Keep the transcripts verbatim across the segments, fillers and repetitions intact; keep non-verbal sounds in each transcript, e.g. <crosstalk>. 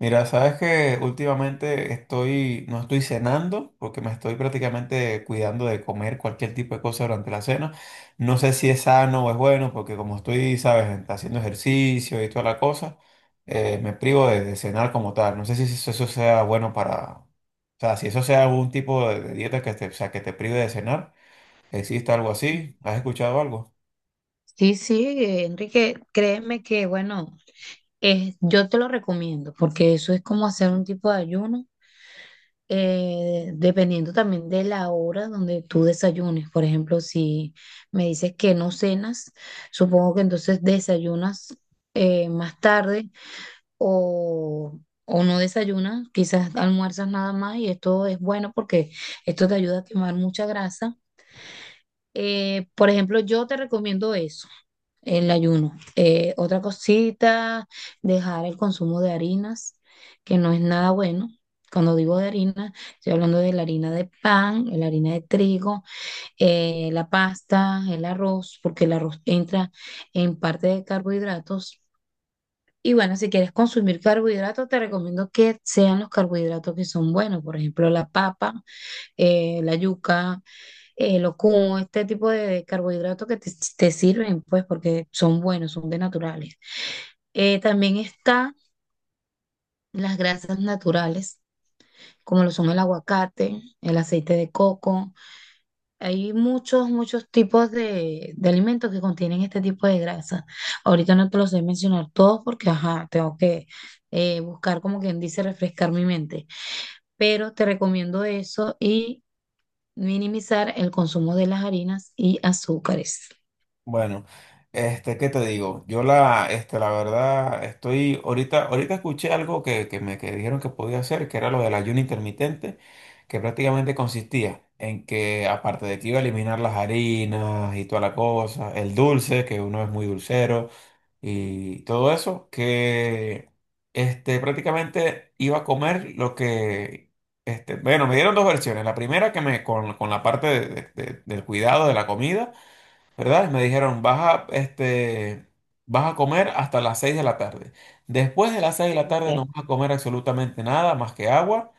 Mira, sabes que últimamente estoy, no estoy cenando porque me estoy prácticamente cuidando de comer cualquier tipo de cosa durante la cena. No sé si es sano o es bueno porque como estoy, sabes, haciendo ejercicio y toda la cosa, eh, me privo de, de cenar como tal. No sé si eso, eso sea bueno para, o sea, si eso sea algún tipo de, de dieta que te, o sea, que te prive de cenar. ¿Existe algo así? ¿Has escuchado algo? Sí, sí, eh, Enrique, créeme que, bueno, eh, yo te lo recomiendo porque eso es como hacer un tipo de ayuno, eh, dependiendo también de la hora donde tú desayunes. Por ejemplo, si me dices que no cenas, supongo que entonces desayunas eh, más tarde o, o no desayunas, quizás almuerzas nada más y esto es bueno porque esto te ayuda a quemar mucha grasa. Eh, por ejemplo, yo te recomiendo eso. El ayuno. Eh, otra cosita, dejar el consumo de harinas, que no es nada bueno. Cuando digo de harina, estoy hablando de la harina de pan, la harina de trigo, eh, la pasta, el arroz, porque el arroz entra en parte de carbohidratos. Y bueno, si quieres consumir carbohidratos, te recomiendo que sean los carbohidratos que son buenos, por ejemplo, la papa, eh, la yuca, eh, locum, este tipo de de carbohidratos que te, te sirven, pues, porque son buenos, son de naturales. Eh, también está las grasas naturales, como lo son el aguacate, el aceite de coco. Hay muchos, muchos tipos de, de alimentos que contienen este tipo de grasa. Ahorita no te los sé mencionar todos porque, ajá, tengo que eh, buscar, como quien dice, refrescar mi mente. Pero te recomiendo eso y minimizar el consumo de las harinas y azúcares. Bueno, este, ¿qué te digo? Yo la, este, la verdad, estoy, ahorita, ahorita escuché algo que, que me que dijeron que podía hacer, que era lo del ayuno intermitente, que prácticamente consistía en que, aparte de que iba a eliminar las harinas y toda la cosa, el dulce, que uno es muy dulcero, y todo eso, que, este, prácticamente iba a comer lo que, este, bueno, me dieron dos versiones. La primera que me, con, con la parte de- de- de- del cuidado de la comida, ¿verdad? Me dijeron, vas a, este, vas a comer hasta las seis de la tarde. Después de las seis de la tarde no vas a comer absolutamente nada más que agua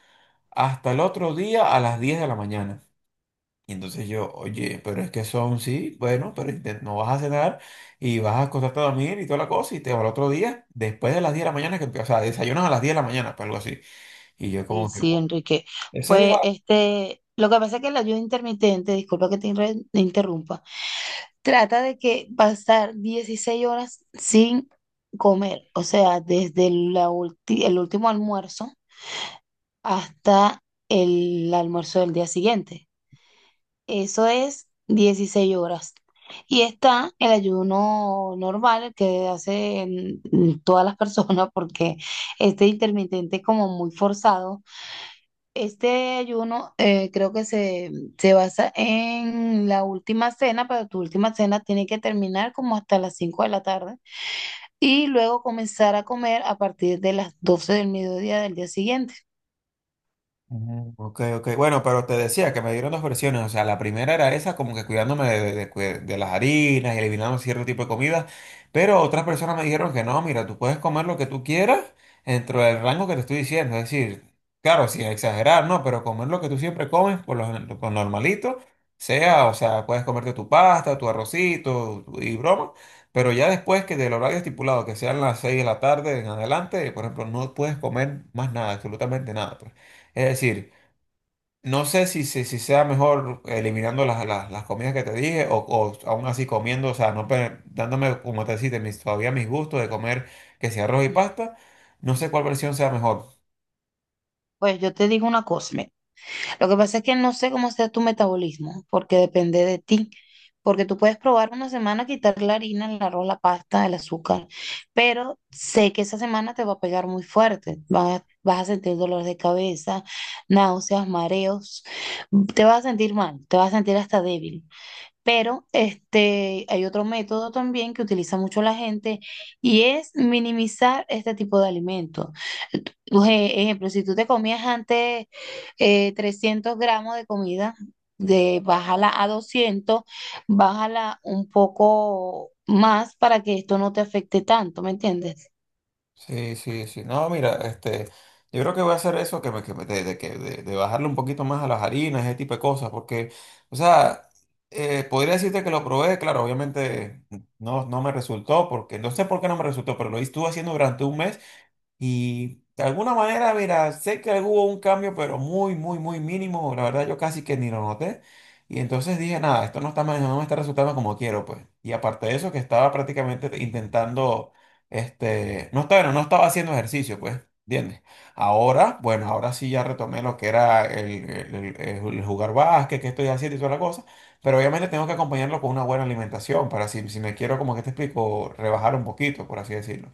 hasta el otro día a las diez de la mañana. Y entonces yo, oye, pero es que son, sí, bueno, pero inte- no vas a cenar y vas a acostarte a dormir y toda la cosa y te va al otro día, después de las diez de la mañana, que, o sea, desayunas a las diez de la mañana, pues algo así. Y yo Sí, como que, sí, "Wow". Enrique. Esa es Pues la... este, lo que pasa es que el ayuno intermitente, disculpa que te inre- te interrumpa, trata de que pasar dieciséis horas sin comer, o sea, desde la ulti- el último almuerzo hasta el almuerzo del día siguiente. Eso es dieciséis horas. Y está el ayuno normal, el que hacen mm, todas las personas, porque este intermitente es como muy forzado este ayuno eh, creo que se, se basa en la última cena, pero tu última cena tiene que terminar como hasta las cinco de la tarde y luego comenzar a comer a partir de las doce del mediodía del día siguiente. Ujú. Ok, ok. Bueno, pero te decía que me dieron dos versiones. O sea, la primera era esa, como que cuidándome de, de- de- de las harinas y eliminando cierto tipo de comida. Pero otras personas me dijeron que no, mira, tú puedes comer lo que tú quieras dentro del rango que te estoy diciendo. Es decir, claro, sin exagerar, ¿no? Pero comer lo que tú siempre comes, por lo, gen- por normalito, sea, o sea, puedes comerte tu pasta, tu arrocito tu- y broma. Pero ya después que del horario estipulado, que sean las seis de la tarde en adelante, por ejemplo, no puedes comer más nada, absolutamente nada, pues. Es decir, no sé si, si, si sea mejor eliminando las, las, las comidas que te dije o, o aún así comiendo, o sea, no pe- dándome, como te decía, mis, todavía mis gustos de comer que sea arroz y pasta. No sé cuál versión sea mejor. Pues yo te digo una cosa. Lo que pasa es que no sé cómo sea tu metabolismo, porque depende de ti. Porque tú puedes probar una semana quitar la harina, el arroz, la pasta, el azúcar, pero sé que esa semana te va a pegar muy fuerte. Vas, vas a sentir dolor de cabeza, náuseas, mareos, te vas a sentir mal, te vas a sentir hasta débil. Pero este, hay otro método también que utiliza mucho la gente y es minimizar este tipo de alimentos. Tú- Por ejemplo, si tú te comías antes eh, trescientos gramos de comida, de, bájala a doscientos, bájala un poco más para que esto no te afecte tanto, ¿me entiendes? Sí, sí, sí. No, mira, este, yo creo que voy a hacer eso, que me, que me- de, de que- de- de bajarle un poquito más a las harinas, ese tipo de cosas, porque, o sea, eh, podría decirte que lo probé, claro, obviamente no, no me resultó, porque no sé por qué no me resultó, pero lo estuve haciendo durante un mes. Y de alguna manera, mira, sé que hubo un cambio, pero muy, muy, muy mínimo. La verdad, yo casi que ni lo noté. Y entonces dije, nada, esto no está, ma- no me está resultando como quiero, pues. Y aparte de eso, que estaba prácticamente intentando, este, no estaba, no no estaba haciendo ejercicio, pues, ¿entiendes? Ahora, bueno, ahora sí ya retomé lo que era el, el- el- el jugar básquet, que estoy haciendo y toda la cosa. Pero obviamente tengo que acompañarlo con una buena alimentación para si, si me quiero, como que te explico, rebajar un poquito, por así decirlo.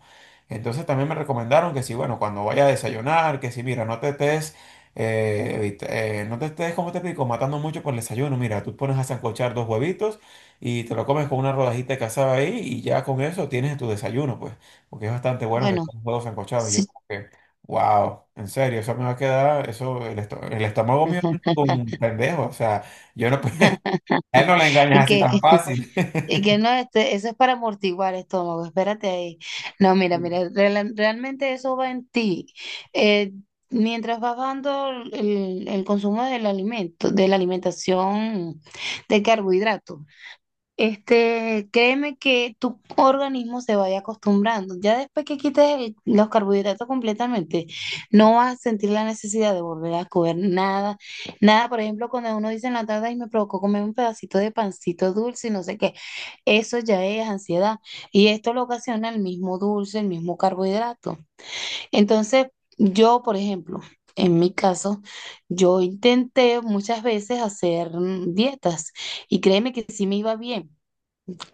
Entonces también me recomendaron que si, bueno, cuando vaya a desayunar, que si, mira, no te estés, eh, evit- eh, no te estés, como te explico, matando mucho por el desayuno. Mira, tú pones a sancochar dos huevitos y te lo comes con una rodajita de cazada ahí y ya con eso tienes tu desayuno, pues, porque es bastante bueno que Bueno, comas huevos sancochados. Y yo sí. como que, wow, en serio, eso me va a quedar, eso, el, esto- el estómago mío es <laughs> un pendejo, o sea, yo no, <laughs> a él no le Y engañas así que tan fácil, Y que no, este, eso es para amortiguar estómago, espérate ahí. No, mira, mira, reala- realmente eso va en ti. Eh, Mientras vas bajando el, el consumo del alimento, de la alimentación de carbohidratos, este, créeme que tu organismo se vaya acostumbrando. Ya después que quites el- los carbohidratos completamente, no vas a sentir la necesidad de volver a comer nada. Nada, por ejemplo, cuando uno dice en la tarde, y me provocó comer un pedacito de pancito dulce y no sé qué. Eso ya es ansiedad. Y esto lo ocasiona el mismo dulce, el mismo carbohidrato. Entonces, yo, por ejemplo, en mi caso, yo intenté muchas veces hacer mm, dietas y créeme que sí me iba bien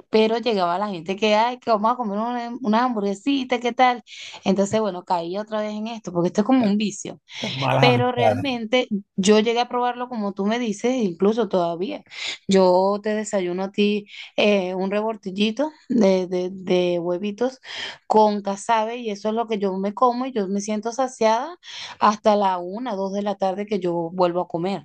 pero llegaba la gente que, ay, que vamos a comer una, una hamburguesita, ¿qué tal? Entonces, bueno, caí otra vez en esto, porque esto es como un vicio, <laughs> malas pero amistades. realmente yo llegué a probarlo como tú me dices, incluso todavía. Yo te desayuno a ti eh, un revoltillito de, de, de huevitos con casabe y eso es lo que yo me como y yo me siento saciada hasta la una, dos de la tarde que yo vuelvo a comer.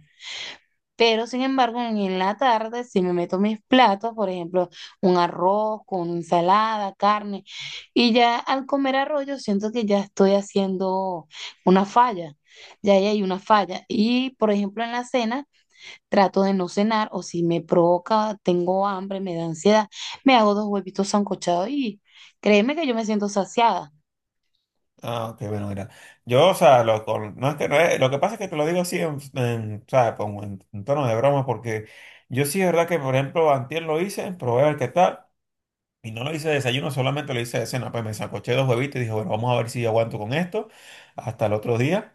Pero sin embargo, en la tarde, si me meto mis platos, por ejemplo, un arroz con ensalada, carne, y ya al comer arroz, yo siento que ya estoy haciendo una falla, ya ahí hay una falla. Y por ejemplo, en la cena, trato de no cenar, o si me provoca, tengo hambre, me da ansiedad, me hago dos huevitos sancochados y créeme que yo me siento saciada. Ah, ok, bueno, mira. Yo, o sea, lo, con- no es que, no es... lo que pasa es que te lo digo así, en, en, o como en, en tono de broma, porque yo sí es verdad que, por ejemplo, antier lo hice, probé a ver qué tal, y no lo hice de desayuno, solamente lo hice de cena, pues me sacoché dos huevitos y dije, bueno, vamos a ver si aguanto con esto hasta el otro día,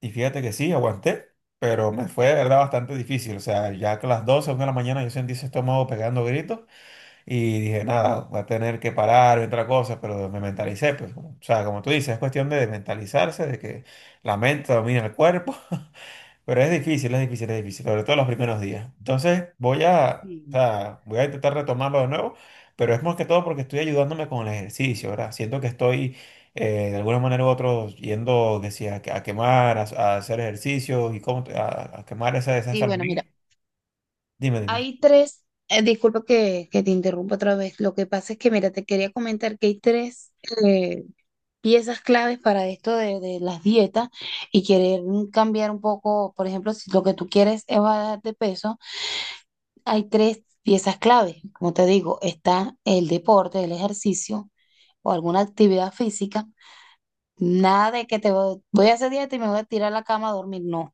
y fíjate que sí, aguanté, pero me fue de verdad bastante difícil, o sea, ya que a las doce una de la mañana yo sentí ese estómago pegando gritos, y dije, nada, va a tener que parar y otra cosa, pero me mentalicé, pues, como- o sea, como tú dices, es cuestión de mentalizarse, de que la mente domina el cuerpo, <laughs> pero es difícil, es difícil, es difícil, sobre todo los primeros días. Entonces, voy a, o Sí, sea, voy a intentar retomarlo de nuevo, pero es más que todo porque estoy ayudándome con el ejercicio, ¿verdad? Siento que estoy, eh, de alguna manera u otra, yendo, que sí, a, a quemar, a, a hacer ejercicio y cómo, a, a quemar esa- esas Sí, bueno, calorías. mira. Dime, dime. Hay tres, eh, disculpa que, que te interrumpa otra vez. Lo que pasa es que, mira, te quería comentar que hay tres eh, piezas claves para esto de, de las dietas y querer cambiar un poco, por ejemplo, si lo que tú quieres es bajar de peso, hay tres piezas claves. Como te digo, está el deporte, el ejercicio o alguna actividad física. Nada de que te voy voy a hacer dieta y me voy a tirar a la cama a dormir. No.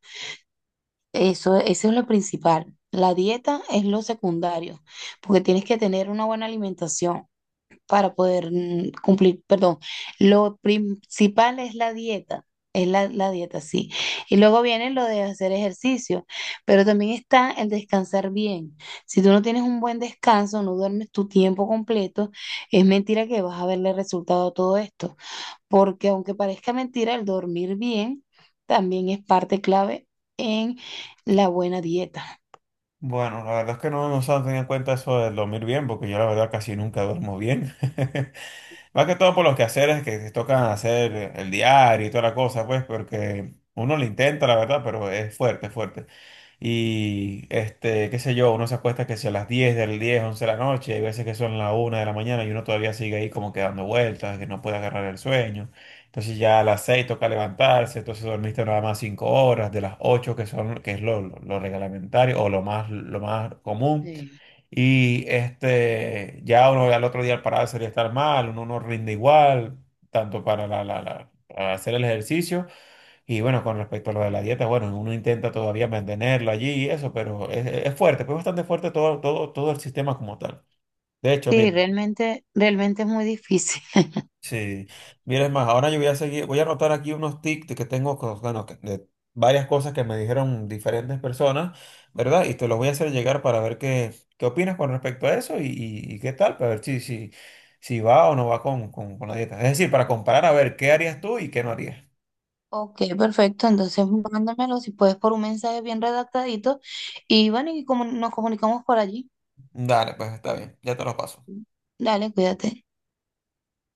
Eso, eso es lo principal. La dieta es lo secundario, porque tienes que tener una buena alimentación para poder mm, cumplir, perdón, lo principal es la dieta, es la, la dieta, sí. Y luego viene lo de hacer ejercicio, pero también está el descansar bien. Si tú no tienes un buen descanso, no duermes tu tiempo completo, es mentira que vas a verle resultado a todo esto porque aunque parezca mentira, el dormir bien también es parte clave en la buena dieta. Bueno, la verdad es que no, no se han tenido en cuenta eso de dormir bien, porque yo la verdad casi nunca duermo bien. <laughs> Más que todo por los quehaceres que se tocan hacer el diario y toda la cosa, pues, porque uno lo intenta, la verdad, pero es fuerte, es fuerte. Y este, qué sé yo, uno se acuesta que si a las diez del diez once de la noche, hay veces que son la una de la mañana y uno todavía sigue ahí como que dando vueltas, que no puede agarrar el sueño. Entonces ya a las seis toca levantarse, entonces dormiste nada más cinco horas, de las ocho que son, que es lo, lo, lo reglamentario o lo más, lo más común. Sí. Y este, ya uno al otro día al pararse sería estar mal, uno no rinde igual, tanto para, la, la- la- para hacer el ejercicio y bueno, con respecto a lo de la dieta, bueno, uno intenta todavía mantenerlo allí y eso, pero es, es fuerte, pues bastante fuerte todo, todo, todo el sistema como tal. De hecho, Sí, mira, realmente, realmente es muy difícil. <laughs> sí, mira, es más, ahora yo voy a seguir, voy a anotar aquí unos tips que tengo, con- bueno, que- de varias cosas que me dijeron diferentes personas, ¿verdad? Y te los voy a hacer llegar para ver qué, qué, opinas con respecto a eso y, y- y qué tal, para ver si, si, si va o no va con, con, con la dieta. Es decir, para comparar a ver qué harías tú y qué no harías. Ok, perfecto. Entonces, mándamelo si puedes por un mensaje bien redactadito. Y bueno, y como nos comunicamos por allí. Dale, pues está bien, ya te los paso. Dale, cuídate.